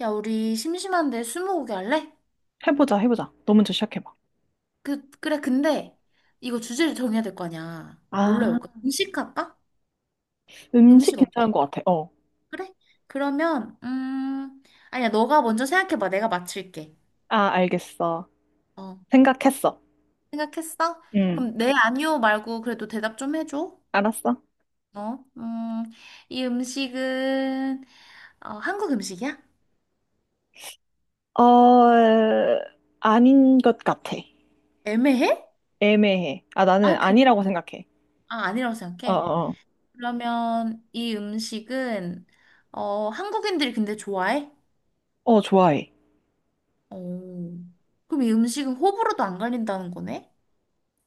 야, 우리 심심한데 스무고개 할래? 해보자, 해보자. 너 먼저 시작해봐. 그래, 근데 이거 주제를 정해야 될 거 아니야. 뭘로 아, 해볼까? 음식 할까? 음식 음식 어때? 괜찮은 것 같아. 어. 그래? 그러면, 아니야, 너가 먼저 생각해봐. 내가 맞출게. 아, 알겠어. 어, 생각했어. 생각했어? 응, 그럼 네, 아니요 말고 그래도 대답 좀 해줘. 알았어. 어, 음, 이 음식은, 어, 한국 음식이야? 어, 아닌 것 같아. 애매해? 애매해. 아, 나는 아, 그래? 아니라고 생각해. 아, 아니라고 어, 생각해. 어. 그러면 이 음식은, 어, 한국인들이 근데 좋아해? 어, 좋아해. 오. 그럼 이 음식은 호불호도 안 갈린다는 거네?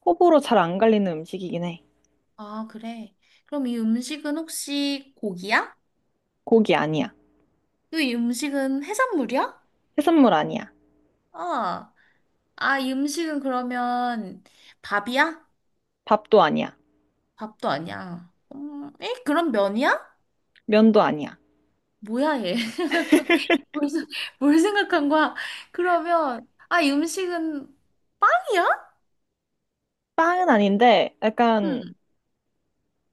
호불호 잘 안 갈리는 음식이긴 해. 아, 그래. 그럼 이 음식은 혹시 고기야? 고기 아니야. 또 이 음식은 해산물이야? 해산물 아니야. 아, 아, 이 음식은 그러면 밥이야? 밥도 아니야. 밥도 아니야. 에? 그럼 면이야? 면도 아니야. 뭐야, 얘. 뭘, 생- 뭘 생각한 거야? 그러면, 아, 이 음식은 빵이야? 빵은 아닌데, 약간 응.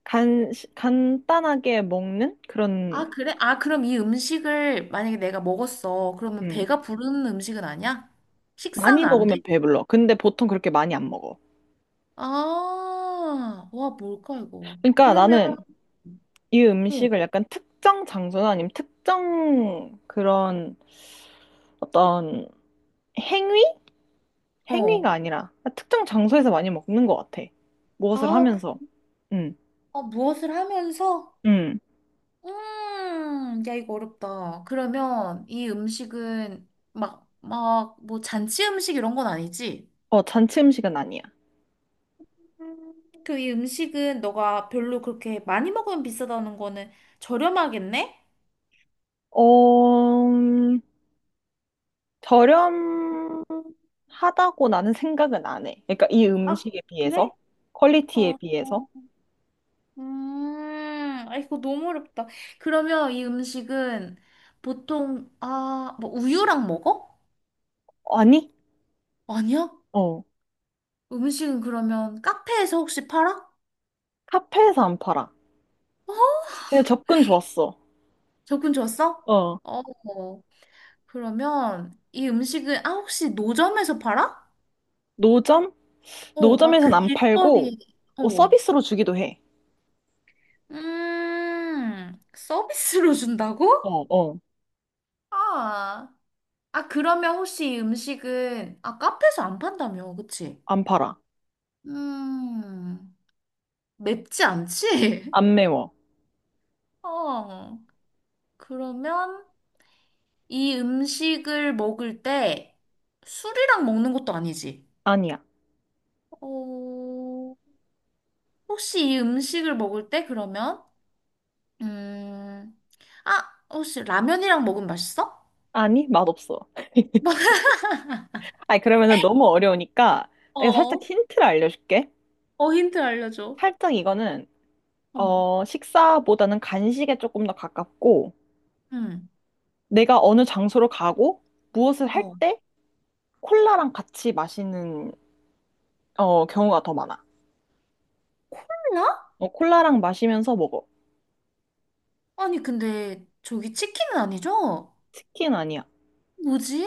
간단하게 먹는 아, 그런, 그래? 아, 그럼 이 음식을 만약에 내가 먹었어. 그러면 음. 배가 부르는 음식은 아니야? 식사는 많이 안 돼? 먹으면 배불러. 근데 보통 그렇게 많이 안 먹어. 아, 와, 뭘까, 이거. 그러니까 그러면, 나는 이 응, 음식을 약간 특정 장소나 아니면 특정 그런 어떤 행위? 행위가 어. 아니라 특정 장소에서 많이 먹는 것 같아. 무엇을 아, 그- 하면서. 응, 아, 무엇을 하면서? 응. 야, 이거 어렵다. 그러면 이 음식은 막, 막, 뭐 잔치 음식 이런 건 아니지? 어, 잔치 음식은 아니야. 그 이 음식은 너가 별로 그렇게 많이 먹으면 비싸다는 거는 저렴하겠네? 어, 저렴하다고 나는 생각은 안 해. 그러니까 이 아, 음식에 그래? 비해서, 퀄리티에 어. 비해서. 아, 이거 너무 어렵다. 그러면 이 음식은 보통, 아, 뭐 우유랑 먹어? 아니, 아니야? 어, 음식은 그러면 카페에서 혹시 팔아? 카페에서 안 팔아. 어? 그냥 접근 좋았어. 접근 좋았어? 어, 어, 그러면 이 음식은, 아, 혹시 노점에서 팔아? 노점? 어, 막 노점에선 그 안 길거리에, 팔고 어, 어. 서비스로 주기도 해. 서비스로 준다고? 어, 어. 아, 아, 그러면 혹시 이 음식은, 아, 카페에서 안 판다며, 그치? 안 팔아. 음. 맵지 않지? 안 매워. 어. 그러면 이 음식을 먹을 때 술이랑 먹는 것도 아니지? 아니야. 어, 혹시 이 음식을 먹을 때 그러면, 음, 아, 혹시 라면이랑 먹으면 맛있어? 아니, 맛없어. 아니, 그러면은 너무 어려우니까 내가 살짝 어, 힌트를 알려줄게. 어, 힌트 알려줘. 살짝 이거는 어머, 어, 식사보다는 간식에 조금 더 가깝고 음, 내가 어느 장소로 가고 무엇을 할 어. 때 콜라랑 같이 마시는 어, 경우가 더 많아. 콜라? 어, 콜라랑 마시면서 먹어. 아니, 근데 저기 치킨은 아니죠? 치킨 아니야. 뭐지?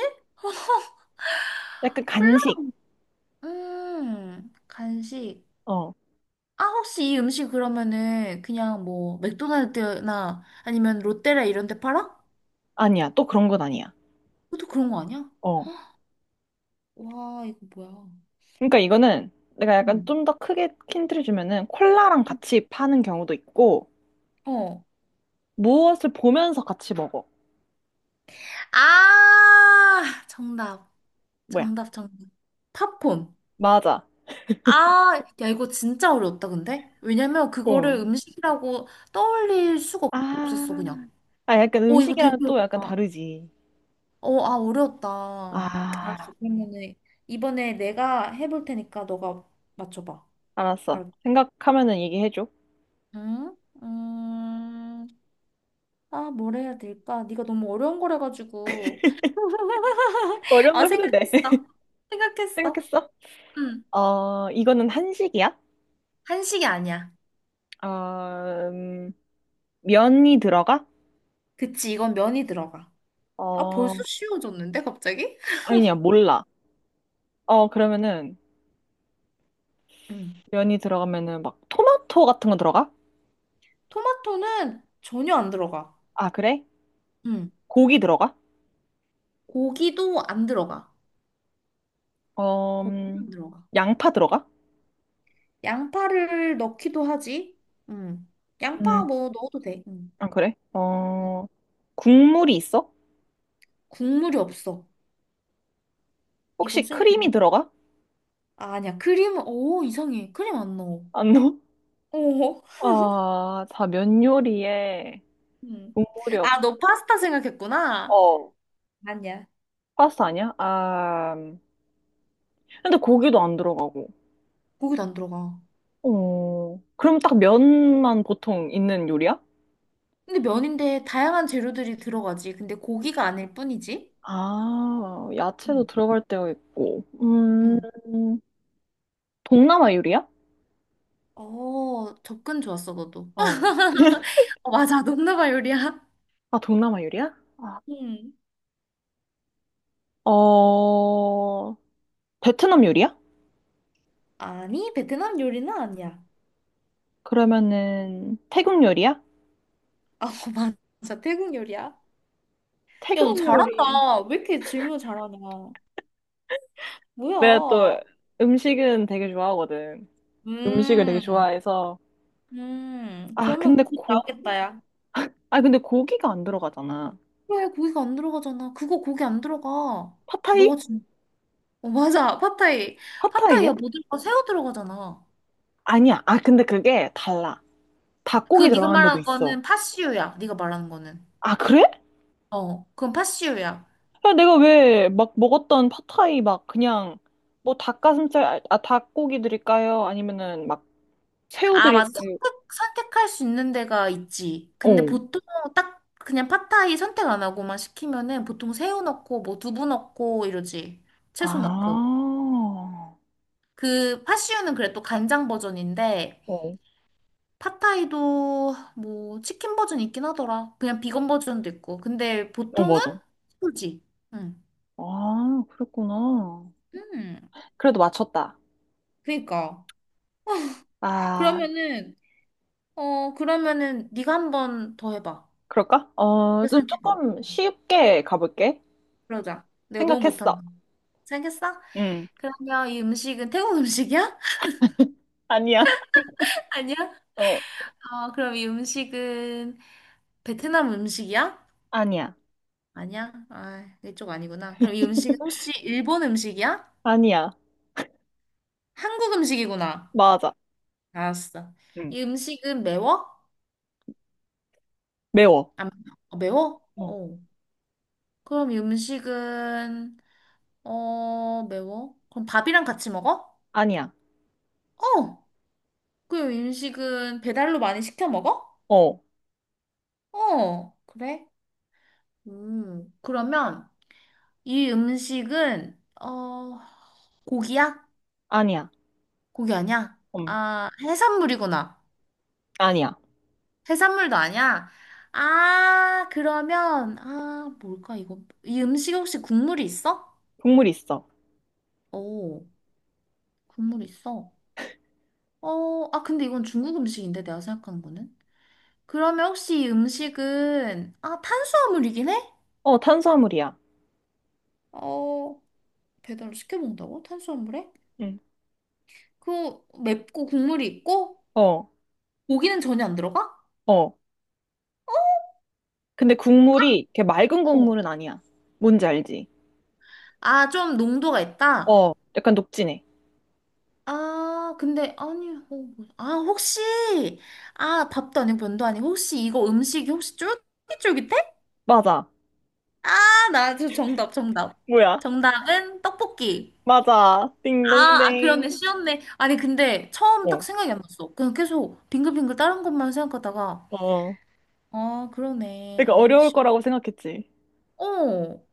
약간 콜라? 간식. 간식. 어, 아, 혹시 이 음식 그러면은 그냥 뭐 맥도날드나 아니면 롯데라 이런 데 팔아? 아니야. 또 그런 건 아니야. 그것도 그런 거 아니야? 어. 와, 이거 뭐야. 그러니까 이거는 내가 약간 응. 좀 더 크게 힌트를 주면은 콜라랑 같이 파는 경우도 있고 어. 무엇을 보면서 같이 먹어. 아, 정답. 뭐야? 정답, 정답. 팝콘. 맞아. 아, 야, 이거 진짜 어려웠다, 근데? 왜냐면 그거를 어. 음식이라고 떠올릴 수가 아, 없었어, 그냥. 아 약간 어, 이거 되게 음식이랑 또 약간 어렵다. 다르지. 어, 아, 어려웠다. 알았어. 아, 그러면은 이번에 내가 해볼 테니까 너가 맞춰봐. 알았어. 알았지? 생각하면은 얘기해줘. 응? 음, 아, 뭘 해야 될까? 네가 너무 어려운 거래가지고 어려운 아, 거 해도 돼. 생각했어. 생각했어. 생각했어? 응. 어, 이거는 한식이야? 한식이 아니야. 어, 음, 면이 들어가? 그치, 이건 면이 들어가. 아, 벌써 어, 쉬워졌는데, 갑자기? 아니야, 몰라. 어, 그러면은 응. 면이 들어가면은 막 토마토 같은 거 들어가? 토마토는 전혀 안 들어가. 아, 그래? 응. 고기 들어가? 고기도 안 들어가. 어, 고기도 안 들어가. 양파 들어가? 양파를 넣기도 하지. 응. 양파 음, 뭐 넣어도 돼. 응. 아, 그래? 어, 국물이 있어? 국물이 없어. 혹시 이것은 크림이 들어가? 아, 아니야. 크림, 오, 이상해. 크림 안 넣어. 안 넣어? 오. 아, 다 면 요리에 응. 국물이 없, 아, 너 파스타 생각했구나. 어, 아니야. 파스타 아니야? 아, 근데 고기도 안 들어가고. 고기도 안 들어가. 어, 그럼 딱 면만 보통 있는 요리야? 근데 면인데 다양한 재료들이 들어가지. 근데 고기가 아닐 뿐이지? 아, 야채도 응 들어갈 때가 있고. 응. 동남아 요리야? 어, 접근 좋았어, 너도. 어. 어, 맞아. 동남아 요리야. 아, 동남아 요리야? 아. 응. 어, 베트남 요리야? 아니, 베트남 요리는 아니야. 그러면은 태국 요리야? 아, 맞아. 태국 요리야. 야, 너 태국 요리. 잘한다. 왜 이렇게 질문 잘하냐. 내가 뭐야. 또 음식은 되게 좋아하거든. 음식을 되게 음. 좋아해서. 아, 그러면 고기 나오겠다, 야. 아, 근데 고기가 안 들어가잖아. 왜 고기가 안 들어가잖아. 그거 고기 안 들어가. 팟타이? 너 지금 어, 맞아. 팟타이. 팟타이야? 팟타이야 뭐 들어가? 새우 들어가잖아. 아니야. 아, 근데 그게 달라. 그거 닭고기 네가 들어가는 데도 말하는 있어. 거는 팥시유야. 네가 말하는 거는. 아, 그래? 어, 그건 팥시유야. 야, 내가 왜 막 먹었던 팟타이 막 그냥 뭐 닭가슴살, 닭고기 드릴까요? 아니면은 막 새우 아, 맞아. 드릴까요? 선택할 수 있는 데가 있지. 근데 어. 보통 딱 그냥 팟타이 선택 안 하고만 시키면은 보통 새우 넣고 뭐 두부 넣고 이러지. 채소 넣고. 아. 그 팥시유는 그래 또 간장 버전인데 어. 팟타이도 뭐 치킨 버전 있긴 하더라. 그냥 비건 버전도 있고. 근데 어, 보통은 맞아. 소지. 응. 아, 그랬구나. 음, 그래도 맞췄다. 그니까. 아, 그러면은, 어, 그러면은 네가 한 번 더 해봐. 그럴까? 어, 그래 좀 생각해봐. 조금 쉽게 가볼게. 그러자. 내가 너무 생각했어. 못한다. 생각했어? 응. 그러면 이 음식은 태국 음식이야? 아니야. 아니야? 어. 어, 그럼 이 음식은 베트남 음식이야? 아니야. 아니야? 아, 이쪽 아니구나. 그럼 이 음식은 혹시 일본 음식이야? 아니야. 한국 음식이구나. 맞아. 알았어. 응. 이 음식은 매워? 매워. 안 매워? 어, 매워? 어. 어. 그럼 이 음식은 어 매워? 그럼 밥이랑 같이 먹어? 아니야. 어. 그럼 이 음식은 배달로 많이 시켜 먹어? 어. 어. 그래? 음. 그러면 이 음식은 어 고기야? 아니야. 고기 아니야? 음. 아 해산물이구나. 아니야. 해산물도 아니야? 아 그러면 아 뭘까 이거 이 음식 혹시 국물이 있어? 국물 있어. 오. 국물 있어. 어, 아, 근데 이건 중국 음식인데, 내가 생각한 거는. 그러면 혹시 이 음식은, 아, 탄수화물이긴 해? 어, 탄수화물이야. 어, 배달을 시켜 먹는다고? 탄수화물에? 응. 그, 맵고 국물이 있고? 어. 고기는 전혀 안 들어가? 어. 근데 국물이 이렇게 맑은 어. 국물은 아니야. 뭔지 알지? 아, 좀 농도가 있다? 어. 약간 녹진해. 아, 근데, 아니, 어, 아, 혹시, 아, 밥도 아니고 면도 아니고, 혹시 이거 음식이 혹시 쫄깃쫄깃해? 맞아. 아, 나 저 정답, 정답. 뭐야? 정답은 떡볶이. 맞아. 아, 아, 그러네. 띵동댕. 쉬었네. 아니, 근데 처음 딱 어. 생각이 안 났어. 그냥 계속 빙글빙글 다른 것만 생각하다가, 어. 아, 그러니까 그러네. 어려울 쉬... 거라고 생각했지. 어,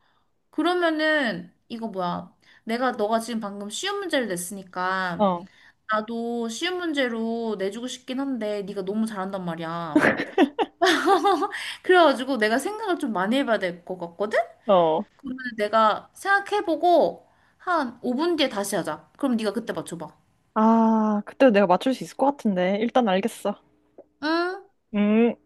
그러면은, 이거 뭐야. 내가, 너가 지금 방금 쉬운 문제를 냈으니까, 어. 나도 쉬운 문제로 내주고 싶긴 한데, 네가 너무 잘한단 말이야. 그래가지고 내가 생각을 좀 많이 해봐야 될 것 같거든? 어. 그러면 내가 생각해보고, 한 5분 뒤에 다시 하자. 그럼 네가 그때 맞춰봐. 아, 그때 내가 맞출 수 있을 것 같은데. 일단 알겠어. 응? 음.